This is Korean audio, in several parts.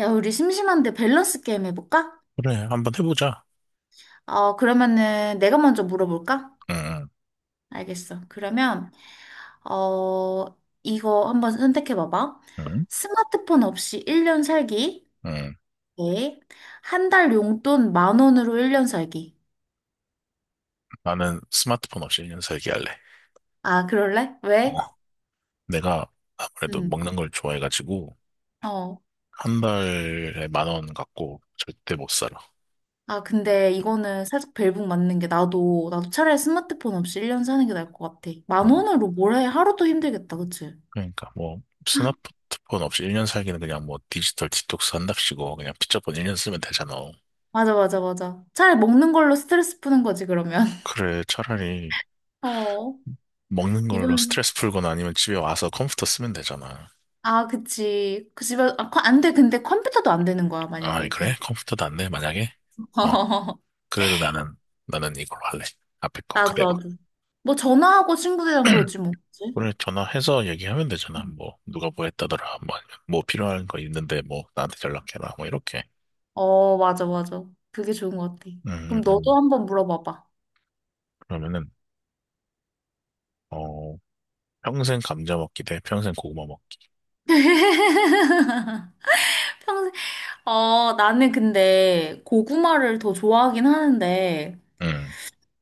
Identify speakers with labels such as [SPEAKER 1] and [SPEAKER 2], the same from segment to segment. [SPEAKER 1] 야, 우리 심심한데 밸런스 게임 해볼까?
[SPEAKER 2] 그래, 한번 해보자.
[SPEAKER 1] 어, 그러면은 내가 먼저 물어볼까?
[SPEAKER 2] 응,
[SPEAKER 1] 알겠어. 그러면, 어, 이거 한번 선택해봐봐.
[SPEAKER 2] 응, 응.
[SPEAKER 1] 스마트폰 없이 1년 살기.
[SPEAKER 2] 응.
[SPEAKER 1] 네. 한 달 용돈 만 원으로 1년 살기.
[SPEAKER 2] 나는 스마트폰 없이 1년 살기 할래.
[SPEAKER 1] 아, 그럴래?
[SPEAKER 2] 어,
[SPEAKER 1] 왜?
[SPEAKER 2] 내가 아무래도
[SPEAKER 1] 음,
[SPEAKER 2] 먹는 걸 좋아해가지고,
[SPEAKER 1] 어.
[SPEAKER 2] 한 달에 만 원 갖고 절대 못 살아.
[SPEAKER 1] 아, 근데 이거는 살짝 벨붕 맞는 게 나도, 나도 차라리 스마트폰 없이 1년 사는 게 나을 것 같아.
[SPEAKER 2] 어,
[SPEAKER 1] 만 원으로 뭘 해? 하루도 힘들겠다, 그치?
[SPEAKER 2] 그러니까 뭐, 스마트폰 없이 1년 살기는 그냥 뭐 디지털 디톡스 한답시고, 그냥 피자본 1년 쓰면 되잖아.
[SPEAKER 1] 맞아, 맞아, 맞아. 차라리 먹는 걸로 스트레스 푸는 거지, 그러면.
[SPEAKER 2] 그래, 차라리
[SPEAKER 1] 어,
[SPEAKER 2] 먹는 걸로
[SPEAKER 1] 이건,
[SPEAKER 2] 스트레스 풀거나 아니면 집에 와서 컴퓨터 쓰면 되잖아.
[SPEAKER 1] 아, 그치. 그 집에, 아, 컴- 안 돼. 근데 컴퓨터도 안 되는 거야,
[SPEAKER 2] 아,
[SPEAKER 1] 만약에,
[SPEAKER 2] 그래?
[SPEAKER 1] 그럼.
[SPEAKER 2] 컴퓨터도 안 돼, 만약에? 어, 그래도 나는 이걸로 할래. 앞에 거
[SPEAKER 1] 나도,
[SPEAKER 2] 그대로.
[SPEAKER 1] 나도. 뭐, 전화하고 친구들이랑 그러지, 뭐. 그치?
[SPEAKER 2] 오늘 전화해서 얘기하면 되잖아. 뭐, 누가 뭐 했다더라. 뭐, 아니면 뭐 필요한 거 있는데, 뭐, 나한테 연락해라. 뭐, 이렇게.
[SPEAKER 1] 어, 맞아, 맞아. 그게 좋은 것 같아.
[SPEAKER 2] 음, 음,
[SPEAKER 1] 그럼 너도
[SPEAKER 2] 음.
[SPEAKER 1] 한번 물어봐봐.
[SPEAKER 2] 그러면은, 어, 평생 감자 먹기 대 평생 고구마 먹기.
[SPEAKER 1] 평생, 어, 나는 근데 고구마를 더 좋아하긴 하는데,
[SPEAKER 2] 음,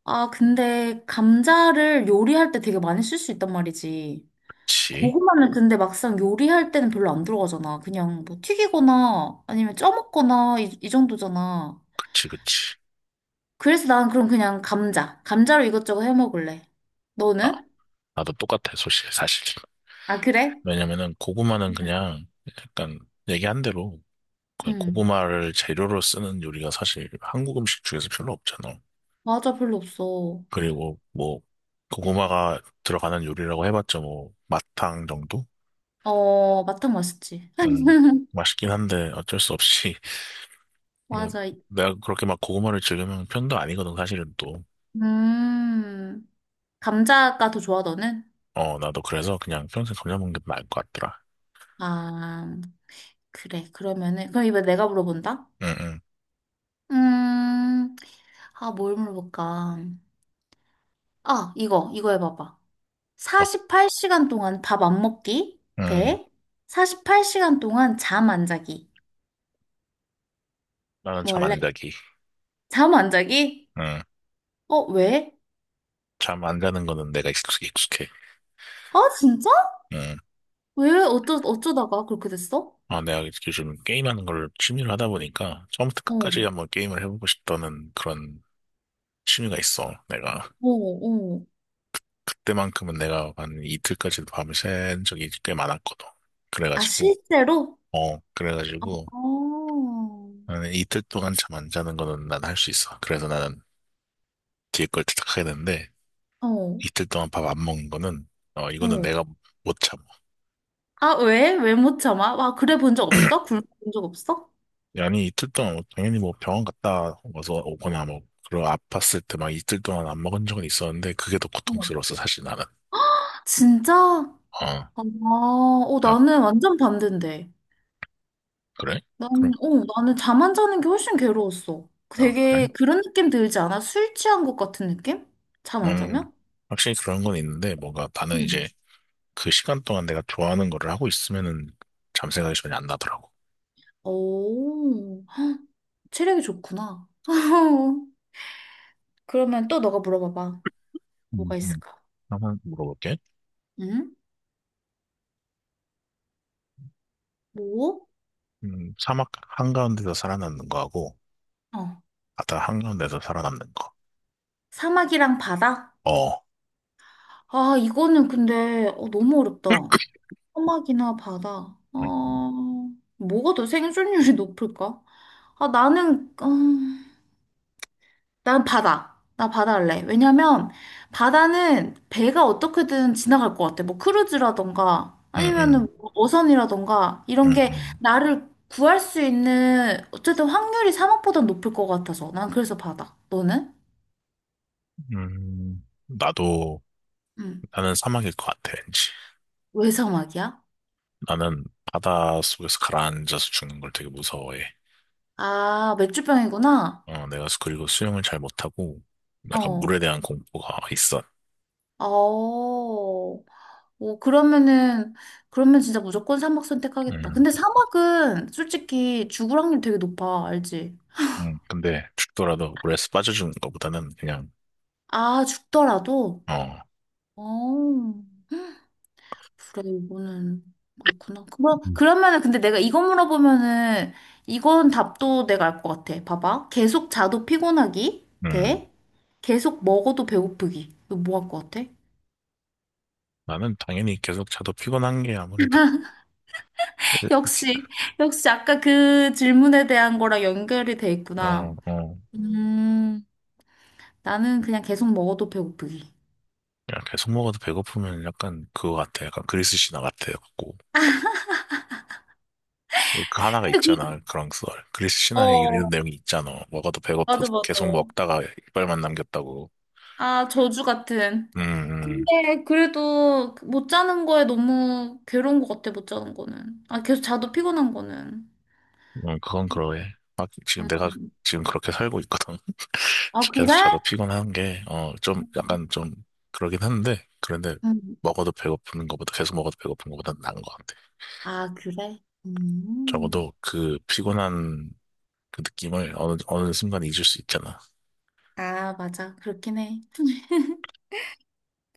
[SPEAKER 1] 아, 근데 감자를 요리할 때 되게 많이 쓸 수 있단 말이지.
[SPEAKER 2] 그치.
[SPEAKER 1] 고구마는 근데 막상 요리할 때는 별로 안 들어가잖아. 그냥 뭐 튀기거나 아니면 쪄먹거나 이, 이 정도잖아.
[SPEAKER 2] 그치, 그치.
[SPEAKER 1] 그래서 난 그럼 그냥 감자. 감자로 이것저것 해 먹을래.
[SPEAKER 2] 아,
[SPEAKER 1] 너는?
[SPEAKER 2] 나도 똑같아, 소식, 사실.
[SPEAKER 1] 아, 그래?
[SPEAKER 2] 왜냐면은, 고구마는
[SPEAKER 1] 응.
[SPEAKER 2] 그냥, 약간, 얘기한 대로, 그
[SPEAKER 1] 응.
[SPEAKER 2] 고구마를 재료로 쓰는 요리가 사실 한국 음식 중에서 별로 없잖아.
[SPEAKER 1] 맞아, 별로 없어.
[SPEAKER 2] 그리고, 뭐, 고구마가 들어가는 요리라고 해봤자, 뭐, 마탕 정도?
[SPEAKER 1] 어, 마탕 맛있지.
[SPEAKER 2] 음, 맛있긴 한데 어쩔 수 없이 뭐
[SPEAKER 1] 맞아.
[SPEAKER 2] 내가 그렇게 막 고구마를 즐기는 편도 아니거든 사실은 또.
[SPEAKER 1] 음. 감자가 더 좋아, 너는?
[SPEAKER 2] 어, 나도 그래서 그냥 평생 감자 먹는 게 나을 것 같더라.
[SPEAKER 1] 아, 그래. 그러면은, 그럼 이번에 내가 물어본다?
[SPEAKER 2] 응응.
[SPEAKER 1] 음, 아, 뭘 물어볼까? 아, 이거, 이거 해봐봐.
[SPEAKER 2] 어,
[SPEAKER 1] 48시간 동안 밥 안 먹기
[SPEAKER 2] 응.
[SPEAKER 1] 대 48시간 동안 잠 안 자기.
[SPEAKER 2] 나는 잠
[SPEAKER 1] 원래
[SPEAKER 2] 안 자기.
[SPEAKER 1] 잠 안 자기?
[SPEAKER 2] 응.
[SPEAKER 1] 어, 왜?
[SPEAKER 2] 잠 안 자는 거는 내가 익숙해.
[SPEAKER 1] 아, 진짜?
[SPEAKER 2] 응.
[SPEAKER 1] 왜 어쩌다가 그렇게 됐어?
[SPEAKER 2] 아, 내가 요즘 게임하는 걸 취미로 하다 보니까 처음부터
[SPEAKER 1] 어,
[SPEAKER 2] 끝까지 한번 게임을 해보고 싶다는 그런 취미가 있어. 내가
[SPEAKER 1] 어, 어.
[SPEAKER 2] 그때만큼은 내가 한 이틀까지 밤을 샌 적이 꽤 많았거든.
[SPEAKER 1] 아,
[SPEAKER 2] 그래가지고
[SPEAKER 1] 실제로?
[SPEAKER 2] 그래가지고.
[SPEAKER 1] 어,
[SPEAKER 2] 나는 이틀 동안 잠 안 자는 거는 난 할 수 있어. 그래서 나는 뒤에 걸 택하게 되는데,
[SPEAKER 1] 어,
[SPEAKER 2] 이틀 동안 밥 안 먹는 거는, 이거는
[SPEAKER 1] 어.
[SPEAKER 2] 내가 못 참아.
[SPEAKER 1] 아, 왜? 왜 못 참아? 아, 그래 본 적 없어? 굶어 본적 없어?
[SPEAKER 2] 아니, 이틀 동안 뭐 당연히 뭐 병원 갔다 와서 오거나 뭐 그런 아팠을 때 막 이틀 동안 안 먹은 적은 있었는데, 그게 더
[SPEAKER 1] 어.
[SPEAKER 2] 고통스러웠어 사실 나는.
[SPEAKER 1] 진짜?
[SPEAKER 2] 어,
[SPEAKER 1] 아, 어,
[SPEAKER 2] 아,
[SPEAKER 1] 나는 완전 반대인데.
[SPEAKER 2] 그래? 그럼?
[SPEAKER 1] 나는, 어, 나는 잠 안 자는 게 훨씬 괴로웠어.
[SPEAKER 2] 아, 그래?
[SPEAKER 1] 되게 그런 느낌 들지 않아? 술 취한 것 같은 느낌? 잠 안
[SPEAKER 2] 음
[SPEAKER 1] 자면?
[SPEAKER 2] 확실히 그런 건 있는데, 뭔가 나는
[SPEAKER 1] 응.
[SPEAKER 2] 이제 그 시간 동안 내가 좋아하는 거를 하고 있으면은 잠 생각이 전혀 안 나더라고.
[SPEAKER 1] 오, 체력이 좋구나. 그러면 또 너가 물어봐봐.
[SPEAKER 2] 음,
[SPEAKER 1] 뭐가
[SPEAKER 2] 음.
[SPEAKER 1] 있을까?
[SPEAKER 2] 한번 물어볼게.
[SPEAKER 1] 응? 뭐?
[SPEAKER 2] 사막 한가운데서 살아남는 거하고
[SPEAKER 1] 어.
[SPEAKER 2] 바다 한가운데서 살아남는 거.
[SPEAKER 1] 사막이랑 바다?
[SPEAKER 2] 어.
[SPEAKER 1] 아, 이거는 근데 어, 너무 어렵다. 사막이나 바다. 어,
[SPEAKER 2] 음, 음,
[SPEAKER 1] 뭐가 더 생존율이 높을까? 아, 나는, 어 난 바다. 나 바다 할래. 왜냐면 바다는 배가 어떻게든 지나갈 것 같아. 뭐 크루즈라던가 아니면은
[SPEAKER 2] 음,
[SPEAKER 1] 뭐 어선이라던가 이런 게
[SPEAKER 2] 음,
[SPEAKER 1] 나를 구할 수 있는 어쨌든 확률이 사막보다 높을 것 같아서 난 그래서 바다. 너는?
[SPEAKER 2] 음. 나도
[SPEAKER 1] 응.
[SPEAKER 2] 나는 사막일 것 같아, 왠지.
[SPEAKER 1] 왜 사막이야?
[SPEAKER 2] 나는 바다 속에서 가라앉아서 죽는 걸 되게 무서워해.
[SPEAKER 1] 아, 맥주병이구나.
[SPEAKER 2] 내가 그리고 수영을 잘 못하고 약간
[SPEAKER 1] 어.
[SPEAKER 2] 물에 대한 공포가 있어.
[SPEAKER 1] 어. 뭐 그러면은 그러면 진짜 무조건 사막 선택하겠다.
[SPEAKER 2] 음,
[SPEAKER 1] 근데 사막은 솔직히 죽을 확률 되게 높아. 알지?
[SPEAKER 2] 근데 죽더라도 물에서 빠져주는 것보다는 그냥
[SPEAKER 1] 아, 죽더라도?
[SPEAKER 2] 어,
[SPEAKER 1] 어. 그래, 이거는 그렇구나. 그럼, 그러면은 근데 내가 이거 물어보면은 이건 답도 내가 알 것 같아. 봐봐. 계속 자도 피곤하기
[SPEAKER 2] 음,
[SPEAKER 1] 대 계속 먹어도 배고프기. 이거 뭐 할 것 같아?
[SPEAKER 2] 나는 당연히 계속 자도 피곤한 게 아무래도.
[SPEAKER 1] 역시, 역시 아까 그 질문에 대한 거랑 연결이 돼
[SPEAKER 2] 어,
[SPEAKER 1] 있구나.
[SPEAKER 2] 어.
[SPEAKER 1] 음, 나는 그냥 계속 먹어도 배고프기.
[SPEAKER 2] 야, 계속 먹어도 배고프면 약간 그거 같아. 약간 그리스 신화 같아. 갖고 그 하나가
[SPEAKER 1] 근데
[SPEAKER 2] 있잖아, 그런 썰. 그리스
[SPEAKER 1] 그,
[SPEAKER 2] 신화에 이런
[SPEAKER 1] 어,
[SPEAKER 2] 내용이 있잖아. 먹어도 배고프
[SPEAKER 1] 맞아, 맞아.
[SPEAKER 2] 계속 먹다가 이빨만 남겼다고.
[SPEAKER 1] 아, 저주 같은.
[SPEAKER 2] 음, 음,
[SPEAKER 1] 근데 그래도 그 못 자는 거에 너무 괴로운 것 같아, 못 자는 거는. 아, 계속 자도 피곤한 거는.
[SPEAKER 2] 그건 그러해. 아, 지금 내가
[SPEAKER 1] 음.
[SPEAKER 2] 지금 그렇게 살고 있거든.
[SPEAKER 1] 아, 그래?
[SPEAKER 2] 계속 자도 피곤한 게, 좀, 약간 좀 그러긴 한데, 그런데
[SPEAKER 1] 음.
[SPEAKER 2] 먹어도 배고픈 것보다 계속 먹어도 배고픈 것보다 나은 것 같아.
[SPEAKER 1] 아, 그래? 음.
[SPEAKER 2] 적어도 그 피곤한 그 느낌을 어느 순간 잊을 수 있잖아.
[SPEAKER 1] 아, 맞아. 그렇긴 해.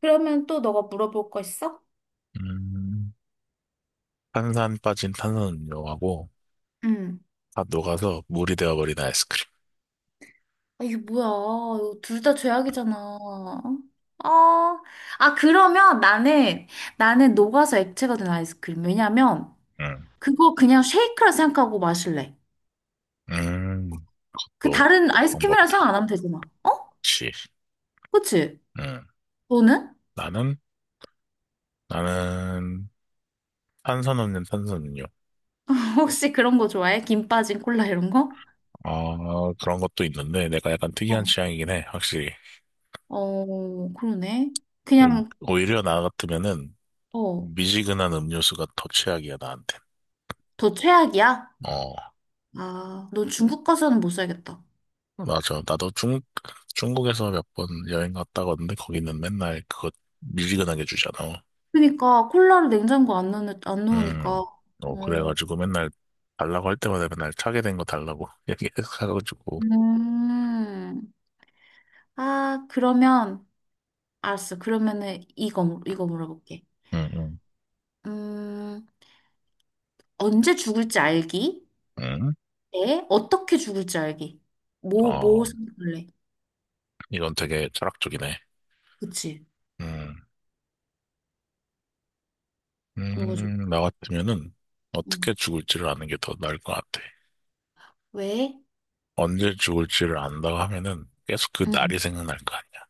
[SPEAKER 1] 그러면 또 너가 물어볼 거 있어?
[SPEAKER 2] 음. 탄산 빠진 탄산음료하고
[SPEAKER 1] 응.
[SPEAKER 2] 다 녹아서 물이 되어버린 아이스크림.
[SPEAKER 1] 아, 이게 뭐야. 이거 둘 다 죄악이잖아. 어. 아, 그러면 나는, 나는 녹아서 액체가 된 아이스크림. 왜냐면,
[SPEAKER 2] 음,
[SPEAKER 1] 그거 그냥 쉐이크라 생각하고 마실래.
[SPEAKER 2] 음,
[SPEAKER 1] 그
[SPEAKER 2] 또
[SPEAKER 1] 다른 아이스크림이라 생각
[SPEAKER 2] 방법이다.
[SPEAKER 1] 안 하면 되잖아. 어?
[SPEAKER 2] 시
[SPEAKER 1] 그치?
[SPEAKER 2] 음,
[SPEAKER 1] 너는?
[SPEAKER 2] 나는 나는 탄산 없는 탄산음료.
[SPEAKER 1] 혹시 그런 거 좋아해? 김 빠진 콜라 이런 거?
[SPEAKER 2] 아, 그런 것도 있는데 내가 약간
[SPEAKER 1] 어,
[SPEAKER 2] 특이한 취향이긴 해. 확실히.
[SPEAKER 1] 어, 그러네. 그냥,
[SPEAKER 2] 오히려 나 같으면은
[SPEAKER 1] 어,
[SPEAKER 2] 미지근한 음료수가 더 최악이야 나한테.
[SPEAKER 1] 더 최악이야?
[SPEAKER 2] 어,
[SPEAKER 1] 아, 너 중국 가서는 못 살겠다.
[SPEAKER 2] 맞아. 나도 중 중국에서 몇 번 여행 갔다 왔는데 거기는 맨날 그거 미지근하게 주잖아.
[SPEAKER 1] 그러니까 콜라를 냉장고 안 넣는, 안 넣으니까.
[SPEAKER 2] 음,
[SPEAKER 1] 어,
[SPEAKER 2] 그래가지고 맨날 달라고 할 때마다 맨날 차게 된 거 달라고 얘기해가지고.
[SPEAKER 1] 음. 아, 그러면, 알았어. 그러면은 이거, 물- 이거 물어볼게.
[SPEAKER 2] 음, 음,
[SPEAKER 1] 음, 언제 죽을지 알기?
[SPEAKER 2] 음.
[SPEAKER 1] 에? 어떻게 죽을지 알기? 뭐,
[SPEAKER 2] 어,
[SPEAKER 1] 뭐 선택할래?
[SPEAKER 2] 이건 되게 철학적이네.
[SPEAKER 1] 그치?
[SPEAKER 2] 음,
[SPEAKER 1] 뭐가 좋을까?
[SPEAKER 2] 나 같으면은
[SPEAKER 1] 응.
[SPEAKER 2] 어떻게 죽을지를 아는 게 더 나을 것 같아.
[SPEAKER 1] 왜?
[SPEAKER 2] 언제 죽을지를 안다고 하면은 계속 그
[SPEAKER 1] 응.
[SPEAKER 2] 날이 생각날 거 아니야.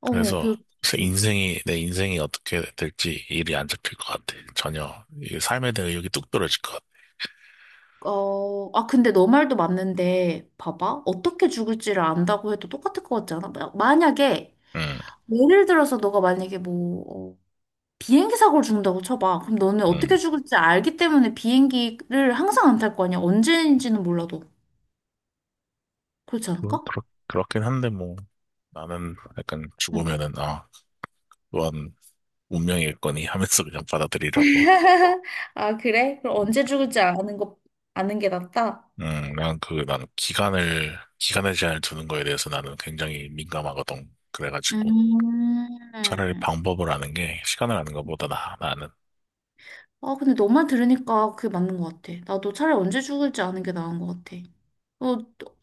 [SPEAKER 1] 어,
[SPEAKER 2] 그래서
[SPEAKER 1] 그렇지.
[SPEAKER 2] 내 인생이 어떻게 될지, 일이 안 잡힐 것 같아. 전혀. 이 삶에 대한 의욕이 뚝 떨어질 것 같아.
[SPEAKER 1] 어, 아, 근데 너 말도 맞는데, 봐봐. 어떻게 죽을지를 안다고 해도 똑같을 것 같지 않아? 마- 만약에,
[SPEAKER 2] 음,
[SPEAKER 1] 예를 들어서 너가 만약에 뭐, 어, 비행기 사고를 죽는다고 쳐봐. 그럼 너는 어떻게
[SPEAKER 2] 음.
[SPEAKER 1] 죽을지 알기 때문에 비행기를 항상 안 탈 거 아니야? 언제인지는 몰라도. 그렇지
[SPEAKER 2] 뭐,
[SPEAKER 1] 않을까?
[SPEAKER 2] 그렇긴 한데, 뭐 나는 약간
[SPEAKER 1] 응.
[SPEAKER 2] 죽으면은 또한 운명이겠거니 하면서 그냥 받아들이라고.
[SPEAKER 1] 아, 그래? 그럼
[SPEAKER 2] 음,
[SPEAKER 1] 언제 죽을지 아는 거, 아는 게 낫다?
[SPEAKER 2] 난 기간의 제한을 두는 거에 대해서 나는 굉장히 민감하거든. 그래가지고 차라리
[SPEAKER 1] 음.
[SPEAKER 2] 방법을 아는 게 시간을 아는 것보다 나는
[SPEAKER 1] 아, 근데 너만 들으니까 그게 맞는 것 같아. 나도 차라리 언제 죽을지 아는 게 나은 것 같아. 어,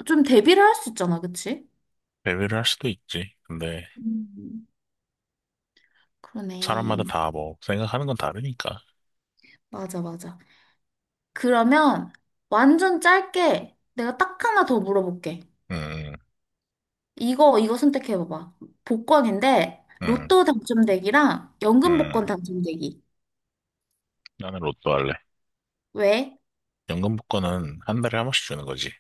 [SPEAKER 1] 좀 대비를 할 수 있잖아, 그치?
[SPEAKER 2] 배회를 할 수도 있지. 근데
[SPEAKER 1] 음.
[SPEAKER 2] 사람마다
[SPEAKER 1] 그러네.
[SPEAKER 2] 다 뭐 생각하는 건 다르니까.
[SPEAKER 1] 맞아, 맞아. 그러면 완전 짧게 내가 딱 하나 더 물어볼게.
[SPEAKER 2] 음,
[SPEAKER 1] 이거, 이거 선택해봐봐. 복권인데,
[SPEAKER 2] 음,
[SPEAKER 1] 로또 당첨되기랑 연금
[SPEAKER 2] 음.
[SPEAKER 1] 복권 당첨되기.
[SPEAKER 2] 나는 로또 할래.
[SPEAKER 1] 왜?
[SPEAKER 2] 연금 복권은 한 달에 한 번씩 주는 거지.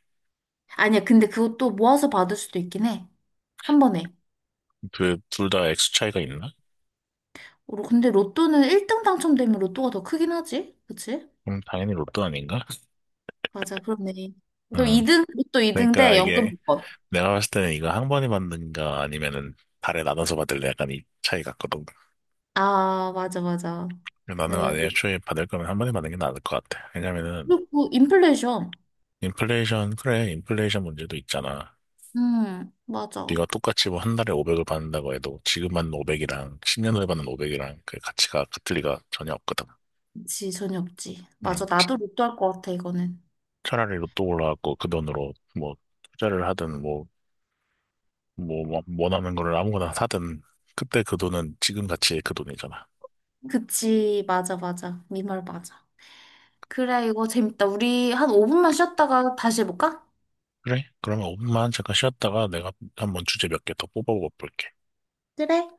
[SPEAKER 1] 아니야, 근데 그것도 모아서 받을 수도 있긴 해. 한 번에.
[SPEAKER 2] 둘 다 액수 차이가 있나?
[SPEAKER 1] 로- 근데 로또는 1등 당첨되면 로또가 더 크긴 하지? 그치?
[SPEAKER 2] 그럼 당연히 로또 아닌가?
[SPEAKER 1] 맞아, 그렇네. 그럼
[SPEAKER 2] 음.
[SPEAKER 1] 2등, 또
[SPEAKER 2] 그러니까
[SPEAKER 1] 2등대 연금
[SPEAKER 2] 이게,
[SPEAKER 1] 법번
[SPEAKER 2] 내가 봤을 때는 이거 한 번에 받는가 아니면은 달에 나눠서 받을래, 약간 이 차이 같거든.
[SPEAKER 1] 아, 맞아, 맞아.
[SPEAKER 2] 근데
[SPEAKER 1] 네,
[SPEAKER 2] 나는 아예 애초에 받을 거면 한 번에 받는 게 나을 것 같아. 왜냐면은
[SPEAKER 1] 그리고 인플레이션.
[SPEAKER 2] 인플레이션, 그래, 인플레이션 문제도 있잖아.
[SPEAKER 1] 맞아.
[SPEAKER 2] 네가 똑같이 뭐 한 달에 500을 받는다고 해도 지금 받는 500이랑 10년 후에 받는 500이랑 그 가치가 같을 리가 전혀 없거든.
[SPEAKER 1] 그치, 전혀 없지.
[SPEAKER 2] 음.
[SPEAKER 1] 맞아, 나도 로또 할 것 같아, 이거는.
[SPEAKER 2] 차라리 로또 올라갖고 그 돈으로 뭐 투자를 하든, 뭐 뭐 원하는 거를 아무거나 사든, 그때 그 돈은 지금 가치의 그 돈이잖아.
[SPEAKER 1] 그치, 맞아, 맞아. 네 말 맞아. 그래, 이거 재밌다. 우리 한 5분만 쉬었다가 다시 해볼까?
[SPEAKER 2] 그래? 그러면 5분만 잠깐 쉬었다가 내가 한번 주제 몇 개 더 뽑아볼게.
[SPEAKER 1] 그래.